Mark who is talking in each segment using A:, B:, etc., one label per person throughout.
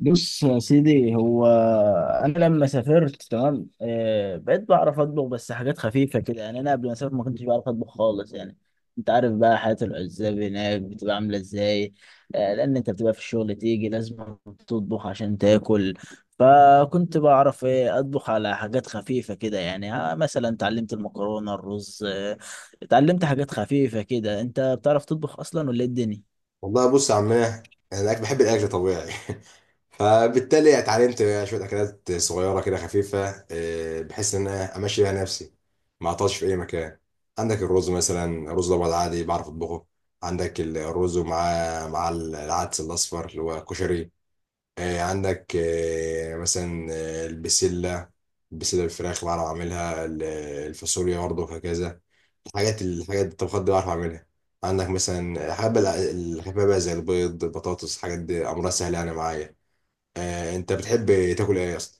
A: بص يا سيدي هو انا لما سافرت تمام، بقيت بعرف اطبخ بس حاجات خفيفه كده يعني. انا قبل ما اسافر ما كنتش بعرف اطبخ خالص يعني. انت عارف بقى حياه العزاب هناك بتبقى عامله ازاي؟ لان انت بتبقى في الشغل تيجي لازم تطبخ عشان تاكل. فكنت بعرف ايه اطبخ على حاجات خفيفه كده يعني. مثلا اتعلمت المكرونه، الرز. اتعلمت حاجات خفيفه كده. انت بتعرف تطبخ اصلا ولا إيه الدنيا؟
B: والله بص يا عمنا، انا بحب الاكل طبيعي. فبالتالي اتعلمت شويه اكلات صغيره كده خفيفه، بحيث ان انا امشي بيها نفسي، ما اعطلش في اي مكان. عندك الرز مثلا، رز الابيض عادي بعرف اطبخه. عندك الرز ومعاه مع العدس الاصفر اللي هو كشري. عندك مثلا البسله. البسله بالفراخ بعرف اعملها الفاصوليا برضه، وهكذا. الحاجات الطبخات دي بعرف اعملها. عندك مثلا حابب الحبابة بقى، زي البيض، البطاطس، الحاجات دي امرها سهل يعني معايا. انت بتحب تاكل ايه يا اسطى؟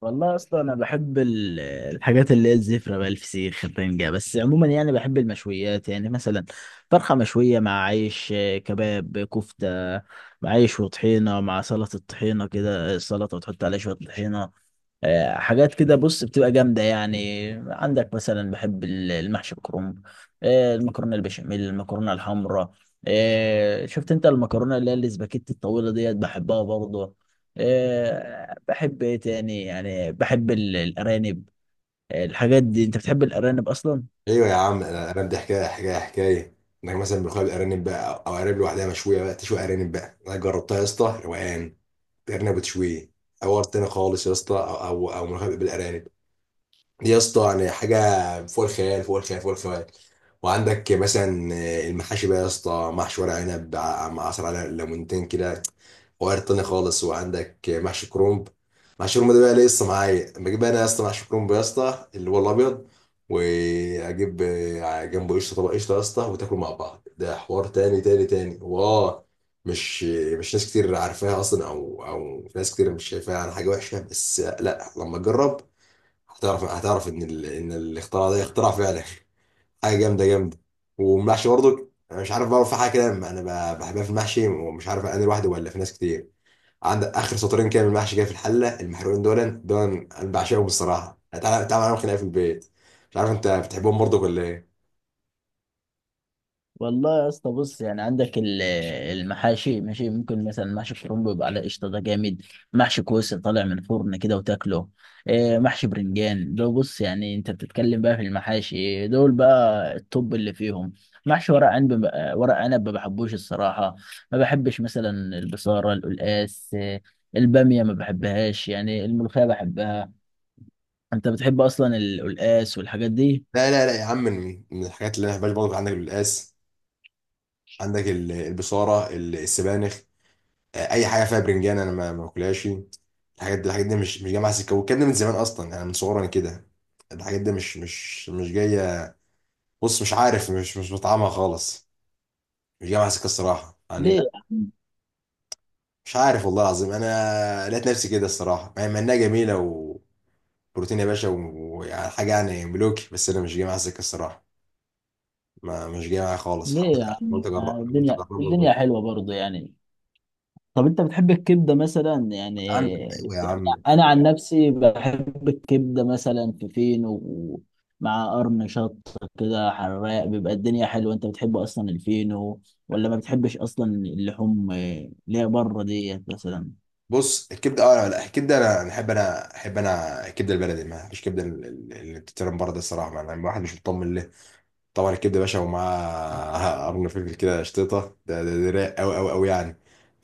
A: والله اصلا انا بحب الحاجات اللي هي الزفره بقى، الفسيخ، الرنجه، بس عموما يعني بحب المشويات، يعني مثلا فرخه مشويه مع عيش، كباب، كفته مع عيش وطحينه، مع سلطه، الطحينه كده، السلطه وتحط عليها شويه طحينه. حاجات كده بص بتبقى جامده يعني. عندك مثلا بحب المحشي الكرنب، المكرونه البشاميل، المكرونه الحمراء. شفت انت المكرونه اللي هي الاسباجيتي الطويله ديت، بحبها برضه. بحب ايه تاني؟ يعني بحب الارانب، الحاجات دي. انت بتحب الارانب اصلا؟
B: ايوه يا عم، أنا بدي حكايه حكايه حكايه. انك مثلا بتخلي الارانب بقى، أو ارانب لوحدها مشويه، بقى تشوي ارانب بقى، انا جربتها يا اسطى، روقان. ارنب وتشويه، حوار تاني خالص يا اسطى. أو ملوخية بالارانب، دي يا اسطى يعني حاجه فوق الخيال، فوق الخيال، فوق الخيال. وعندك مثلا المحاشي بقى يا اسطى، محشي ورق عنب مع عصير على ليمونتين كده، وغير تاني خالص. وعندك محشي كرومب. محشي كرومب ده بقى لسه معايا. بجيب انا يا اسطى محشي كرومب يا اسطى، اللي هو الابيض، واجيب جنبه قشطه، طبق قشطه يا اسطى، وتاكلوا مع بعض. ده حوار تاني تاني تاني، واه. مش مش ناس كتير عارفاها اصلا، او ناس كتير مش شايفاها على حاجه وحشه. بس لا، لما تجرب هتعرف ان الاختراع ده اختراع فعلا، حاجه جامده جامده. والمحشي برضه، انا مش عارف بقى، في حاجه كده انا بحبها في المحشي، ومش عارف انا لوحدي ولا في ناس كتير. عندك اخر سطرين كده من المحشي، كده في الحله المحروقين، دول انا بعشقهم الصراحه. تعالى تعالى، معاهم خناقه في البيت. مش عارف انت بتحبهم برضه ولا ايه؟
A: والله يا اسطى، بص يعني عندك المحاشي ماشي، ممكن مثلا محشي كرنب يبقى على قشطه، ده جامد. محشي كوسه طالع من الفرن كده وتاكله، محشي برنجان، ده بص يعني انت بتتكلم بقى في المحاشي دول بقى، الطب اللي فيهم. محشي ورق عنب، ورق عنب ما بحبوش الصراحه. ما بحبش مثلا البصاره، القلقاس، الباميه ما بحبهاش يعني. الملوخيه بحبها. انت بتحب اصلا القلقاس والحاجات دي؟
B: لا لا لا يا عم، من الحاجات اللي انا ما بحبهاش برضه، عندك القلقاس، عندك البصاره، السبانخ. اي حاجه فيها برنجان انا ما باكلهاش يعني. الحاجات دي مش جايه معايا سكه، والكلام ده من زمان اصلا، انا من صغري انا كده. الحاجات دي مش جايه. بص، مش عارف، مش بطعمها خالص. مش جايه معايا سكه الصراحه، يعني
A: ليه
B: لا.
A: يا عم
B: مش عارف والله العظيم، انا لقيت نفسي كده الصراحه، مع انها جميله وبروتين يا باشا، ويعني حاجه يعني ملوكي، بس انا مش جايه معايا سكه الصراحه، ما مش جايه معايا خالص.
A: ليه
B: حاولت،
A: يا عم
B: حاولت اجرب، حاولت
A: الدنيا
B: اجربها.
A: الدنيا حلوه برضه يعني. طب انت بتحب الكبده مثلا يعني؟
B: ايوه يا عم.
A: انا عن نفسي بحب الكبده مثلا في فينو مع قرن شط كده حراق، بيبقى الدنيا حلوه. انت بتحب اصلا الفينو ولا ما بتحبش اصلا اللحوم اللي هي بره ديت مثلا؟
B: بص الكبده، اه لا لا، الكبده، أنا احب الكبده البلدي. ما فيش كبده اللي بتترم بره ده الصراحه، ما انا واحد مش مطمن له. طبعا الكبده يا باشا ومعاه قرن فلفل كده شطيطه، ده رايق قوي قوي قوي يعني.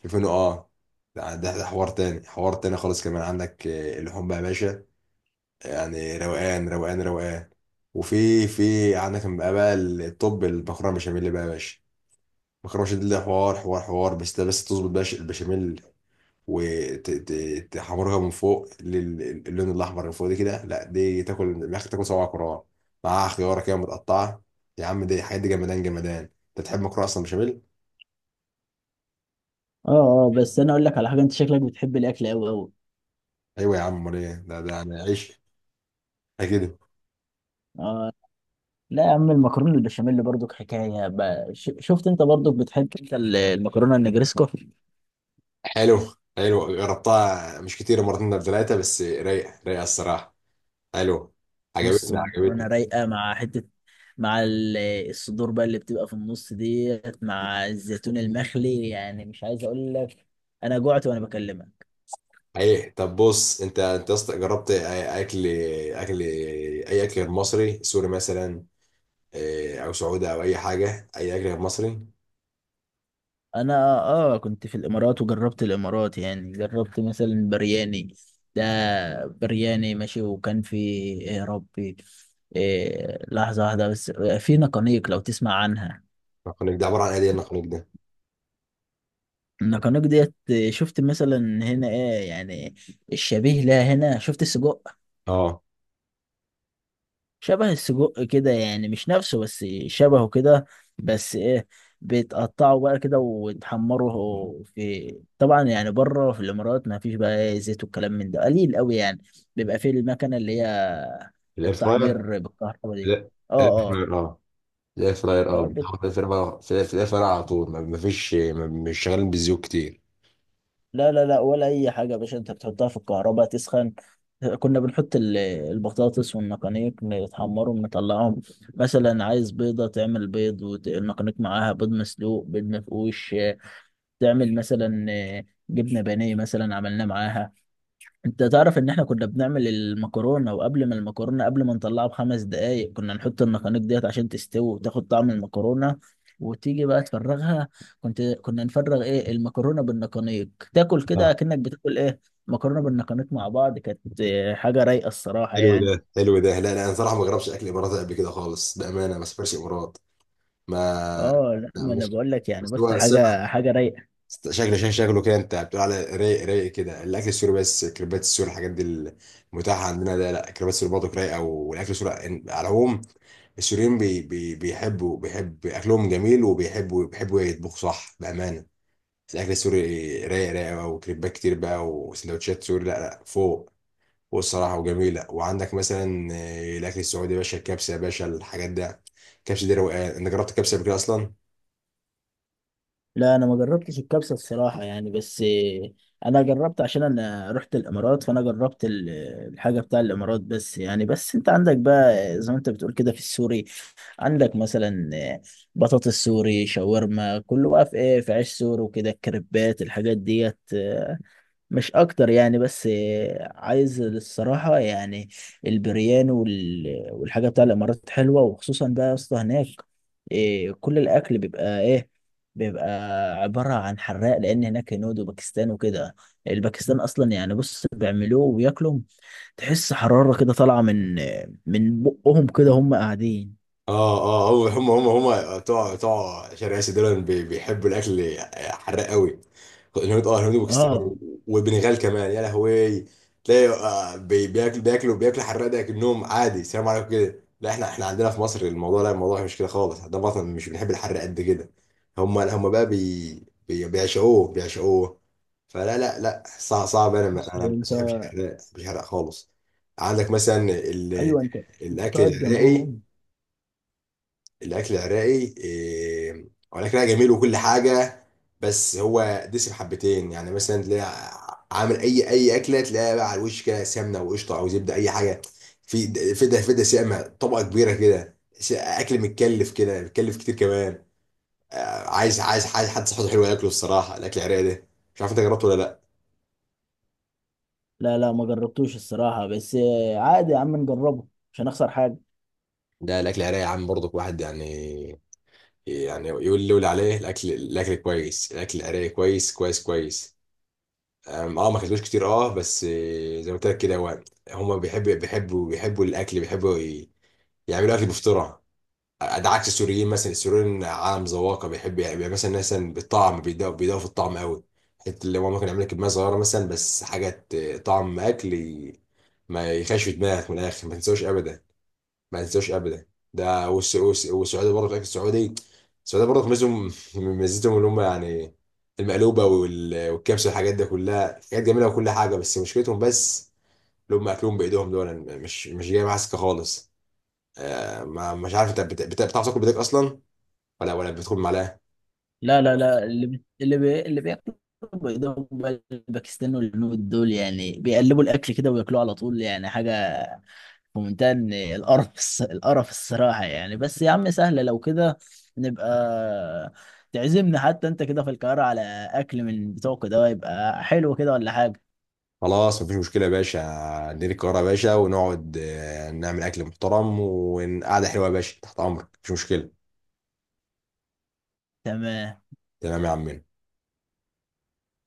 B: في فينو، اه. ده حوار تاني خالص كمان. عندك اللحوم بقى يا باشا، يعني روقان روقان روقان. وفي عندك بقى الطب المكرونه بشاميل بقى يا باشا. المكرونه بشاميل ده حوار حوار حوار، بس ده بس تظبط بقى البشاميل وتحمرها من فوق اللون الاحمر اللي فوق دي كده. لا دي تاكل من الاخر، تاكل صوابع كرار، معاها خياره كده متقطعه. يا عم دي، الحاجات دي جمدان جمدان. انت تحب مكرونه اصلا بشاميل؟
A: اه، اه، بس انا اقول لك على حاجه، انت شكلك بتحب الاكل قوي قوي.
B: ايوه يا عم، امال ايه؟ ده يعني عيش ده كده.
A: لا يا عم، المكرونه البشاميل برضك حكايه بقى. شفت انت برضك بتحب انت المكرونه النجريسكو؟
B: حلو. حلو، جربتها مش كتير، مرتين ولا ثلاثه، بس رايقه رايقه الصراحه. حلو،
A: بص
B: عجبتني عجبتني.
A: مكرونه رايقه مع حته، مع الصدور بقى اللي بتبقى في النص ديت، مع الزيتون المخلي، يعني مش عايز اقول لك، انا جوعت وانا بكلمك.
B: ايه طب، بص، انت أصلاً جربت أي- اكل اكل اي اكل غير مصري، سوري مثلا، او سعودي، او اي حاجه، اي اكل غير مصري؟
A: انا اه كنت في الامارات وجربت الامارات، يعني جربت مثلا برياني ده، برياني ماشي، وكان في إيه يا ربي؟ إيه؟ لحظه واحده بس. في نقانيق لو تسمع عنها.
B: النقانق ده عباره عن ايه، دي النقانق ده؟
A: النقانق ديت، شفت مثلا هنا ايه يعني الشبيه لها هنا؟ شفت السجق؟
B: اه،
A: شبه السجق كده يعني، مش نفسه بس شبهه كده. بس ايه، بيتقطعوا بقى كده ويتحمروا، في طبعا يعني بره في الامارات ما فيش بقى إيه، زيت والكلام من ده قليل قوي يعني. بيبقى فيه المكنه اللي هي
B: الاير فراير.
A: التحمير بالكهرباء دي.
B: لا، الاير
A: اه، اه،
B: فراير، اه. الاير فراير، اه،
A: آه،
B: بتحط في الاير فراير على طول، ما فيش، مش شغالين بالزيوت كتير.
A: لا، لا، لا ولا اي حاجه يا باشا، انت بتحطها في الكهرباء تسخن. كنا بنحط البطاطس والنقانيق، نتحمرهم نطلعهم. مثلا عايز بيضه، تعمل بيض والنقانيق معاها، بيض مسلوق، بيض مفقوش، تعمل مثلا جبنه بانيه مثلا، عملناه معاها. انت تعرف ان احنا كنا بنعمل المكرونه، وقبل ما المكرونه قبل ما نطلعها بـ5 دقائق كنا نحط النقانق ديت عشان تستوي وتاخد طعم المكرونه. وتيجي بقى تفرغها، كنا نفرغ ايه المكرونه بالنقانيق. تاكل كده
B: اه،
A: اكنك بتاكل ايه؟ مكرونه بالنقانيق مع بعض، كانت حاجه رايقه الصراحه
B: حلو
A: يعني.
B: ده، حلو ده. لا لا، انا صراحه ما جربتش اكل اماراتي قبل كده خالص، بامانه. ما سافرش امارات، ما
A: اه، لا،
B: لا،
A: ما انا
B: مش،
A: بقول لك يعني،
B: بس هو
A: بص، حاجه حاجه رايقه.
B: شكله شكله شكله كده. انت بتقول على رايق رايق كده الاكل السوري، بس كريبات السوري الحاجات دي المتاحه عندنا ده، لا، كريبات السوري برضه رايقه، والاكل السوري على العموم، السوريين بي بي بيحبوا بيحب اكلهم جميل، وبيحبوا يطبخوا صح بامانه. الاكل السوري رايق رايق بقى، وكريبات كتير بقى، وسندوتشات سوري، لا لا، فوق فوق الصراحه وجميله. وعندك مثلا الاكل السعودي يا باشا، الكبسه يا باشا، الحاجات ده، الكبسه دي روقان. انت جربت الكبسه قبل كده اصلا؟
A: لا انا ما جربتش الكبسه الصراحه يعني، بس انا جربت عشان انا رحت الامارات، فانا جربت الحاجه بتاع الامارات بس يعني. بس انت عندك بقى زي ما انت بتقول كده في السوري، عندك مثلا بطاطس سوري، شاورما، كله بقى في ايه، في عيش سوري وكده، الكريبات، الحاجات ديت، مش اكتر يعني. بس عايز الصراحه يعني البريان والحاجه بتاع الامارات حلوه، وخصوصا بقى يا اسطى هناك. كل الاكل بيبقى ايه، بيبقى عباره عن حراق، لان هناك هنود وباكستان وكده. الباكستان اصلا يعني، بص، بيعملوه وياكلوا، تحس حراره كده طالعه من بقهم كده هم قاعدين.
B: اه اه، هو هم بتوع شرق اسيا دول بيحبوا الاكل حراق قوي. الهنود، اه، الهنود وباكستان،
A: اه،
B: وبنغال كمان يا لهوي. تلاقي بياكلوا حراق ده كأنهم عادي، سلام عليكم كده. لا، احنا عندنا في مصر الموضوع، لا الموضوع مش كده خالص. عندنا في مصر مش بنحب الحراق قد كده، هم بقى بيعشقوه بيعشقوه. فلا لا لا، صعب صعب،
A: بص
B: انا ما
A: انت،
B: بحبش الحراق، مش حراق خالص. عندك مثلا
A: ايوه انت
B: الاكل
A: تقعد
B: العراقي.
A: جنبهم.
B: الاكل العراقي إيه؟ هو الاكل العراقي جميل وكل حاجه، بس هو دسم حبتين. يعني مثلا تلاقي عامل اي اكله، تلاقيها بقى على الوش كده سمنه وقشطه او زبده اي حاجه. في في ده سامه، طبقه كبيره كده، اكل متكلف كده، متكلف كتير كمان. عايز عايز عايز حد صحته حلوه ياكله الصراحه، الاكل العراقي ده. مش عارف انت جربته ولا لا؟
A: لا، لا، ما جربتوش الصراحه، بس عادي يا عم نجربه، مش هنخسر حاجه.
B: ده الاكل العراقي يا عم برضك، واحد يعني يعني يقول عليه الاكل كويس، الاكل العراقي كويس كويس كويس. اه، ما كسبوش كتير. اه بس زي ما قلت لك كده، هو هم بيحبوا الاكل، بيحبوا يعملوا اكل بفطره. ده عكس السوريين مثلا. السوريين عالم ذواقه، بيحب يعني مثلا بالطعم، بيدوا بيدوا في الطعم قوي. حته اللي هو ممكن يعمل لك كميه صغيره مثلا، بس حاجه طعم اكل ما يخش في دماغك من الاخر، ما تنساوش ابدا، ما انساوش ابدا. ده والسعوديه برضه، فاكر السعودي. السعوديه برضه ميزتهم اللي هم يعني المقلوبه والكبسه والحاجات ده كلها، حاجات جميله وكل حاجه. بس مشكلتهم، بس اللي هم اكلهم بايدهم دول، أنا مش جاي معاها سكه خالص. ما مش عارف، انت بتعرف تاكل بايدك اصلا، ولا بتدخل معلقه؟
A: لا، لا، لا، اللي بياكلوا بيضاء بقى، الباكستان والهنود دول يعني بيقلبوا الاكل كده وياكلوه على طول يعني، حاجه في منتهى إن القرف الصراحه يعني. بس يا عم سهله، لو كده نبقى تعزمنا حتى انت كده في القاهره على اكل من بتوعك ده، يبقى حلو كده ولا حاجه.
B: خلاص مفيش مشكله يا باشا، ندير القاهره يا باشا ونقعد نعمل اكل محترم وقعده حلوه يا باشا، تحت امرك، مفيش مشكله.
A: تمام.
B: تمام يا عمنا.